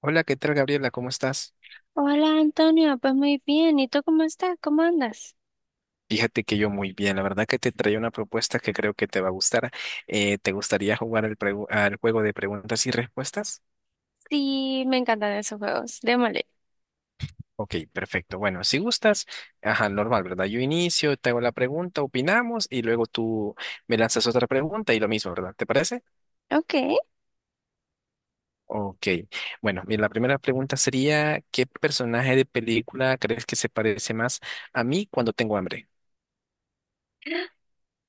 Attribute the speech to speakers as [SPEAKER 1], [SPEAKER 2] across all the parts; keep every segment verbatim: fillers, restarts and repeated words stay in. [SPEAKER 1] Hola, ¿qué tal, Gabriela? ¿Cómo estás?
[SPEAKER 2] Hola Antonio, pues muy bien. ¿Y tú cómo estás? ¿Cómo andas?
[SPEAKER 1] Fíjate que yo muy bien. La verdad que te traía una propuesta que creo que te va a gustar. Eh, ¿te gustaría jugar al, pregu- al juego de preguntas y respuestas?
[SPEAKER 2] Sí, me encantan esos juegos. Démosle.
[SPEAKER 1] Ok, perfecto. Bueno, si gustas, ajá, normal, ¿verdad? Yo inicio, te hago la pregunta, opinamos y luego tú me lanzas otra pregunta y lo mismo, ¿verdad? ¿Te parece?
[SPEAKER 2] Ok.
[SPEAKER 1] Ok. Bueno, mira, la primera pregunta sería, ¿qué personaje de película crees que se parece más a mí cuando tengo hambre?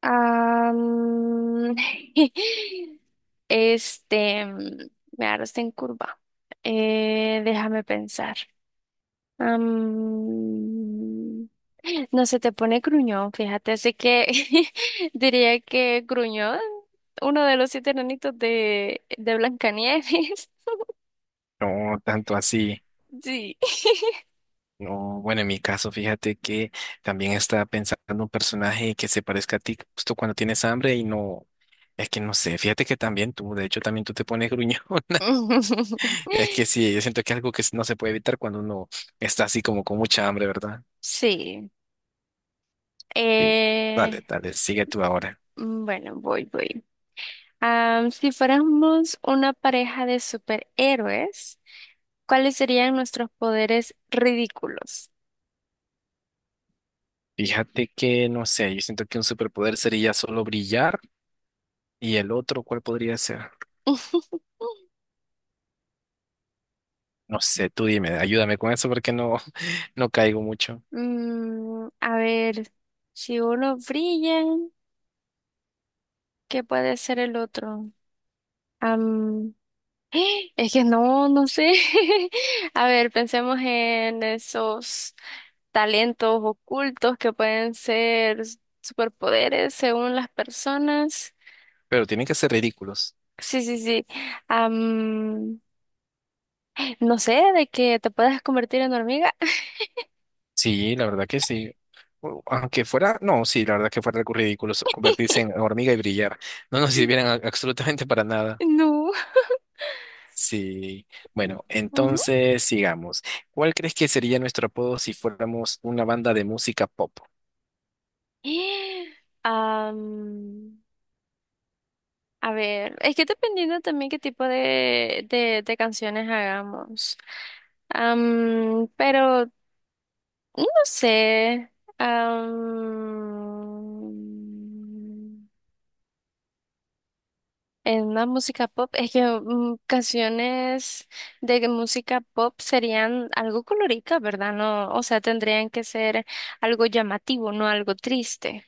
[SPEAKER 2] am, este, mm, me agarraste en curva. Eh, déjame pensar. Am, no se te pone gruñón, fíjate. Así que diría que gruñón, uno de los siete enanitos de, de Blancanieves.
[SPEAKER 1] No, tanto así.
[SPEAKER 2] Sí.
[SPEAKER 1] No, bueno, en mi caso, fíjate que también estaba pensando un personaje que se parezca a ti justo cuando tienes hambre y no, es que no sé, fíjate que también tú, de hecho también tú te pones gruñón es que sí, yo siento que es algo que no se puede evitar cuando uno está así como con mucha hambre, ¿verdad?
[SPEAKER 2] Sí.
[SPEAKER 1] Sí,
[SPEAKER 2] Eh,
[SPEAKER 1] dale, dale, sigue tú ahora.
[SPEAKER 2] mm, bueno, voy, voy. Am, si fuéramos una pareja de superhéroes, ¿cuáles serían nuestros poderes ridículos?
[SPEAKER 1] Fíjate que, no sé, yo siento que un superpoder sería solo brillar y el otro, ¿cuál podría ser? No sé, tú dime, ayúdame con eso porque no, no caigo mucho,
[SPEAKER 2] Mm, a ver, si uno brilla, ¿qué puede ser el otro? Es que no, no sé. A ver, pensemos en esos talentos ocultos que pueden ser superpoderes según las personas.
[SPEAKER 1] pero tienen que ser ridículos.
[SPEAKER 2] Sí, sí, sí. Am, no sé, de que te puedas convertir en hormiga.
[SPEAKER 1] Sí, la verdad que sí. U- Aunque fuera, no, sí, la verdad que fuera algo ridículo so- convertirse en hormiga y brillar. No nos sirvieran a- absolutamente para nada.
[SPEAKER 2] No.
[SPEAKER 1] Sí. Bueno,
[SPEAKER 2] Ujú.
[SPEAKER 1] entonces sigamos. ¿Cuál crees que sería nuestro apodo si fuéramos una banda de música pop?
[SPEAKER 2] Am, a ver, es que dependiendo también qué tipo de, de, de canciones hagamos. Am, pero No sé. am, en una música pop, es que mm, canciones de música pop serían algo colorica, ¿verdad? No, o sea, tendrían que ser algo llamativo, no algo triste.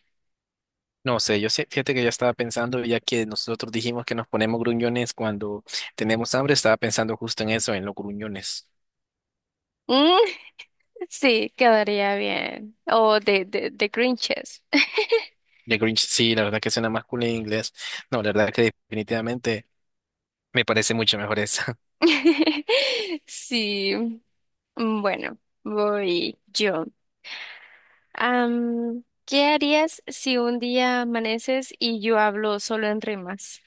[SPEAKER 1] No sé, yo sé, fíjate que ya estaba pensando, ya que nosotros dijimos que nos ponemos gruñones cuando tenemos hambre, estaba pensando justo en eso, en los gruñones.
[SPEAKER 2] Mm, sí, quedaría bien. O de, de, de Grinches.
[SPEAKER 1] De Grinch, sí, la verdad que suena más cool en inglés. No, la verdad que definitivamente me parece mucho mejor eso.
[SPEAKER 2] Sí. mm, Bueno, voy yo. Am, ¿qué harías si un día amaneces y yo hablo solo en rimas?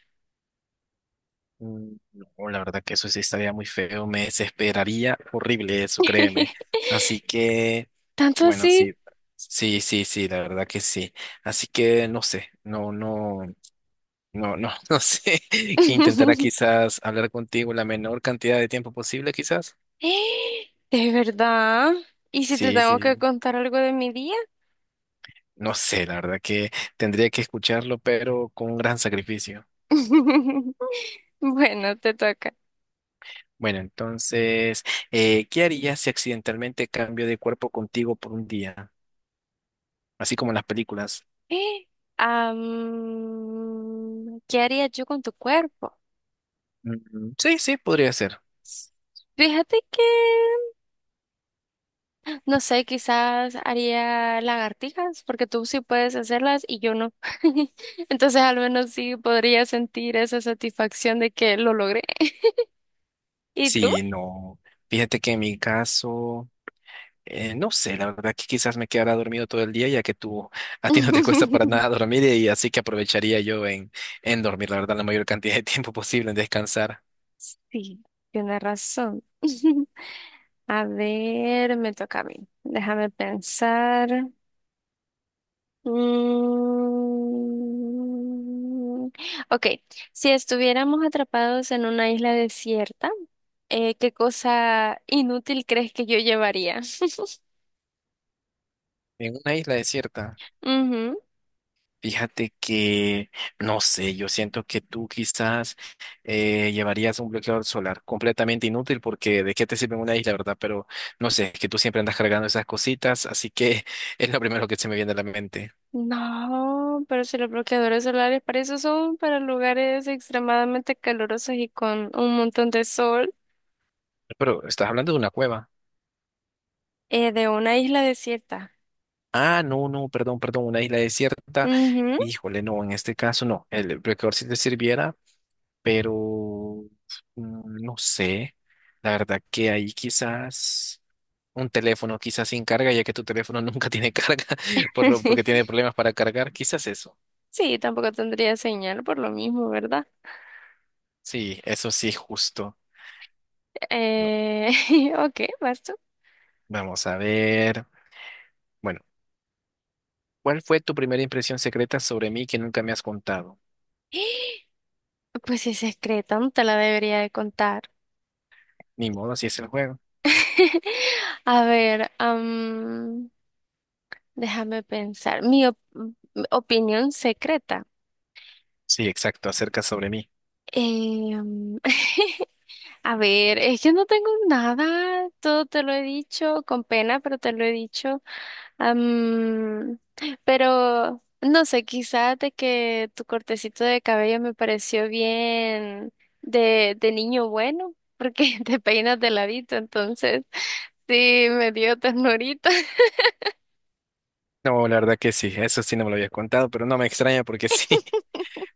[SPEAKER 1] Mm, No, la verdad que eso sí estaría muy feo, me desesperaría horrible eso, créeme. Así que,
[SPEAKER 2] ¿Tanto
[SPEAKER 1] bueno,
[SPEAKER 2] así?
[SPEAKER 1] sí, sí, sí, sí, la verdad que sí. Así que no sé, no, no, no, no, no sé. Intentará quizás hablar contigo la menor cantidad de tiempo posible, quizás.
[SPEAKER 2] ¿De verdad? ¿Y si te
[SPEAKER 1] Sí,
[SPEAKER 2] tengo que
[SPEAKER 1] sí,
[SPEAKER 2] contar algo de mi día?
[SPEAKER 1] no sé, la verdad que tendría que escucharlo, pero con un gran sacrificio.
[SPEAKER 2] Bueno, te toca.
[SPEAKER 1] Bueno, entonces, eh, ¿qué harías si accidentalmente cambio de cuerpo contigo por un día? Así como en las películas.
[SPEAKER 2] Am, ¿qué haría yo con tu cuerpo?
[SPEAKER 1] Mm, Sí, sí, podría ser.
[SPEAKER 2] Fíjate que No sé, quizás haría lagartijas, porque tú sí puedes hacerlas y yo no. Entonces al menos sí podría sentir esa satisfacción de que lo logré. ¿Y tú?
[SPEAKER 1] Sí, no. Fíjate que en mi caso, eh, no sé, la verdad que quizás me quedara dormido todo el día, ya que tú, a ti no te cuesta para nada dormir y así que aprovecharía yo en, en dormir, la verdad, la mayor cantidad de tiempo posible, en descansar
[SPEAKER 2] Sí, tienes razón. A ver, me toca a mí. Déjame pensar. Mm, Ok, si estuviéramos atrapados en una isla desierta, eh, ¿qué cosa inútil crees que yo llevaría?
[SPEAKER 1] en una isla desierta.
[SPEAKER 2] Ujú.
[SPEAKER 1] Fíjate que, no sé, yo siento que tú quizás eh, llevarías un bloqueador solar completamente inútil porque de qué te sirve en una isla, ¿verdad? Pero no sé, es que tú siempre andas cargando esas cositas, así que es lo primero que se me viene a la mente.
[SPEAKER 2] No, pero si los bloqueadores solares para eso son para lugares extremadamente calurosos y con un montón de sol
[SPEAKER 1] Pero estás hablando de una cueva.
[SPEAKER 2] eh, de una isla desierta.
[SPEAKER 1] Ah, no, no, perdón, perdón, una isla desierta.
[SPEAKER 2] Ujú.
[SPEAKER 1] Híjole, no, en este caso no, el bloqueador sí te sirviera, pero mm, no sé, la verdad que ahí quizás... un teléfono quizás sin carga, ya que tu teléfono nunca tiene carga, por lo, porque tiene problemas para cargar, quizás eso.
[SPEAKER 2] Sí, tampoco tendría señal por lo mismo, ¿verdad?
[SPEAKER 1] Sí, eso sí, justo. Va-
[SPEAKER 2] Eh, ok, basta.
[SPEAKER 1] Vamos a ver. Bueno, ¿cuál fue tu primera impresión secreta sobre mí que nunca me has contado?
[SPEAKER 2] Pues si es secreta, no te la debería de contar.
[SPEAKER 1] Ni modo, así es el juego.
[SPEAKER 2] A ver, am, déjame pensar. Mi op- mm, opinión secreta.
[SPEAKER 1] Sí, exacto, acerca sobre mí.
[SPEAKER 2] Em, A ver, es que no tengo nada, todo te lo he dicho, con pena, pero te lo he dicho. Am, pero no sé, quizás de que tu cortecito de cabello me pareció bien de, de niño bueno, porque te peinas de ladito, entonces sí, me dio ternurita.
[SPEAKER 1] No, la verdad que sí, eso sí no me lo habías contado, pero no me extraña porque sí.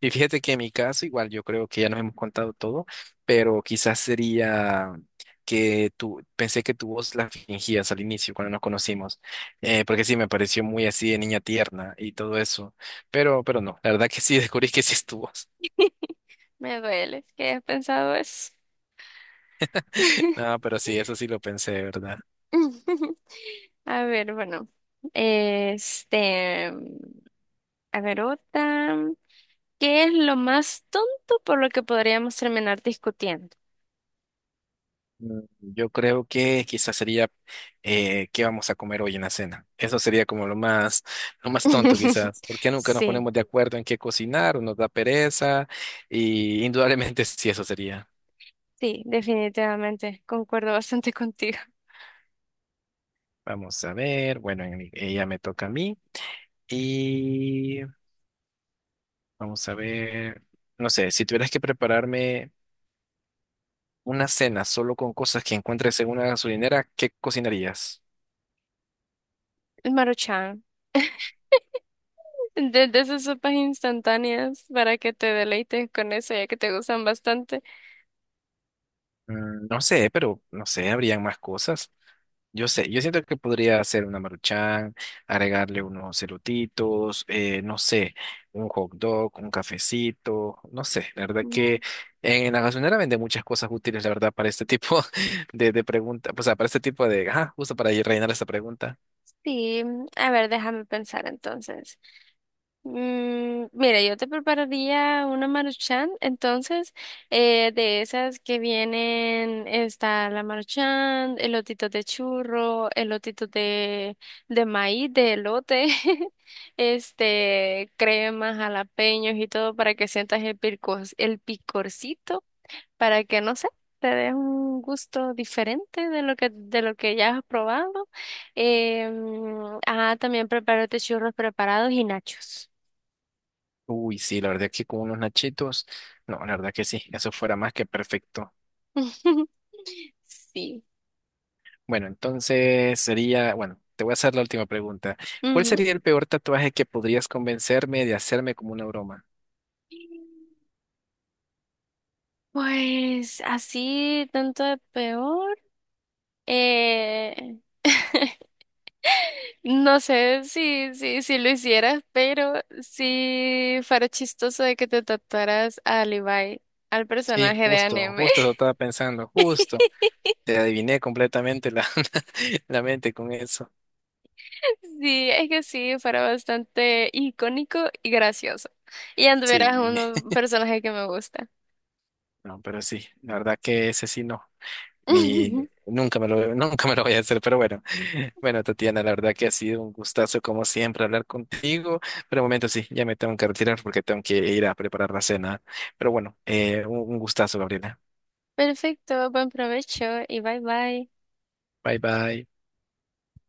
[SPEAKER 1] Y fíjate que en mi caso, igual yo creo que ya nos hemos contado todo, pero quizás sería que tú, pensé que tu voz la fingías al inicio cuando nos conocimos, eh, porque sí, me pareció muy así de niña tierna y todo eso, pero, pero no, la verdad que sí, descubrí que sí es tu voz.
[SPEAKER 2] Me duele que hayas pensado eso.
[SPEAKER 1] No, pero sí, eso sí lo pensé, ¿verdad?
[SPEAKER 2] A ver, bueno, este, a ver otra. ¿Qué es lo más tonto por lo que podríamos terminar discutiendo?
[SPEAKER 1] Mm, Yo creo que quizás sería eh, qué vamos a comer hoy en la cena. Eso sería como lo más, lo más tonto quizás, porque nunca nos
[SPEAKER 2] Sí,
[SPEAKER 1] ponemos de acuerdo en qué cocinar o nos da pereza y indudablemente sí, eso sería.
[SPEAKER 2] sí, definitivamente. Concuerdo bastante contigo.
[SPEAKER 1] Vamos a ver, bueno, en mi- ella me toca a mí y vamos a ver, no sé, si tuvieras que prepararme una cena solo con cosas que encuentres en una gasolinera, ¿qué cocinarías?
[SPEAKER 2] El Maruchan. De, esas sopas instantáneas para que te deleites con eso, ya que te gustan bastante.
[SPEAKER 1] Mm, No sé, pero no sé, habrían más cosas. Yo sé, yo siento que podría hacer una maruchan, agregarle unos elotitos, eh, no sé, un hot dog, un cafecito, no sé, la verdad
[SPEAKER 2] Mm,
[SPEAKER 1] que en la gasolinera venden muchas cosas útiles, la verdad, para este tipo de, de pregunta o sea, para este tipo de, ah, justo para ir rellenar esta pregunta.
[SPEAKER 2] Sí, a ver, déjame pensar entonces. Mm, mira, yo te prepararía una maruchan, entonces, eh, de esas que vienen, está la maruchan, elotitos de churro, elotitos de, de maíz, de elote, este, cremas, jalapeños y todo para que sientas el picor, el picorcito, para que, no sé, te des un gusto diferente de lo que, de lo que ya has probado. Eh, ah, También prepárate churros preparados y nachos.
[SPEAKER 1] Uy, sí, la verdad que con unos nachitos, no, la verdad que sí, eso fuera más que perfecto.
[SPEAKER 2] Sí.
[SPEAKER 1] Bueno, entonces sería, bueno, te voy a hacer la última pregunta. ¿Cuál
[SPEAKER 2] Ujú.
[SPEAKER 1] sería el peor tatuaje que podrías convencerme de hacerme como una broma?
[SPEAKER 2] Pues así, tanto de peor. Eh, no sé si, si, si lo hicieras, pero si fuera chistoso de que te tatuaras a Levi, al
[SPEAKER 1] Sí,
[SPEAKER 2] personaje de
[SPEAKER 1] justo,
[SPEAKER 2] anime.
[SPEAKER 1] justo lo estaba pensando, justo. Te adiviné completamente la, la mente con eso.
[SPEAKER 2] Sí, es que sí, fuera bastante icónico y gracioso. Y
[SPEAKER 1] Sí,
[SPEAKER 2] anduvieras uno personaje que me gusta.
[SPEAKER 1] no, pero sí, la verdad que ese sí no. Ni nunca me lo, nunca me lo voy a hacer, pero bueno. Bueno, Tatiana, la verdad que ha sido un gustazo como siempre hablar contigo. Pero un momento sí, ya me tengo que retirar porque tengo que ir a preparar la cena. Pero bueno, eh, un un gustazo, Gabriela.
[SPEAKER 2] Perfecto, buen provecho y bye bye.
[SPEAKER 1] Bye bye.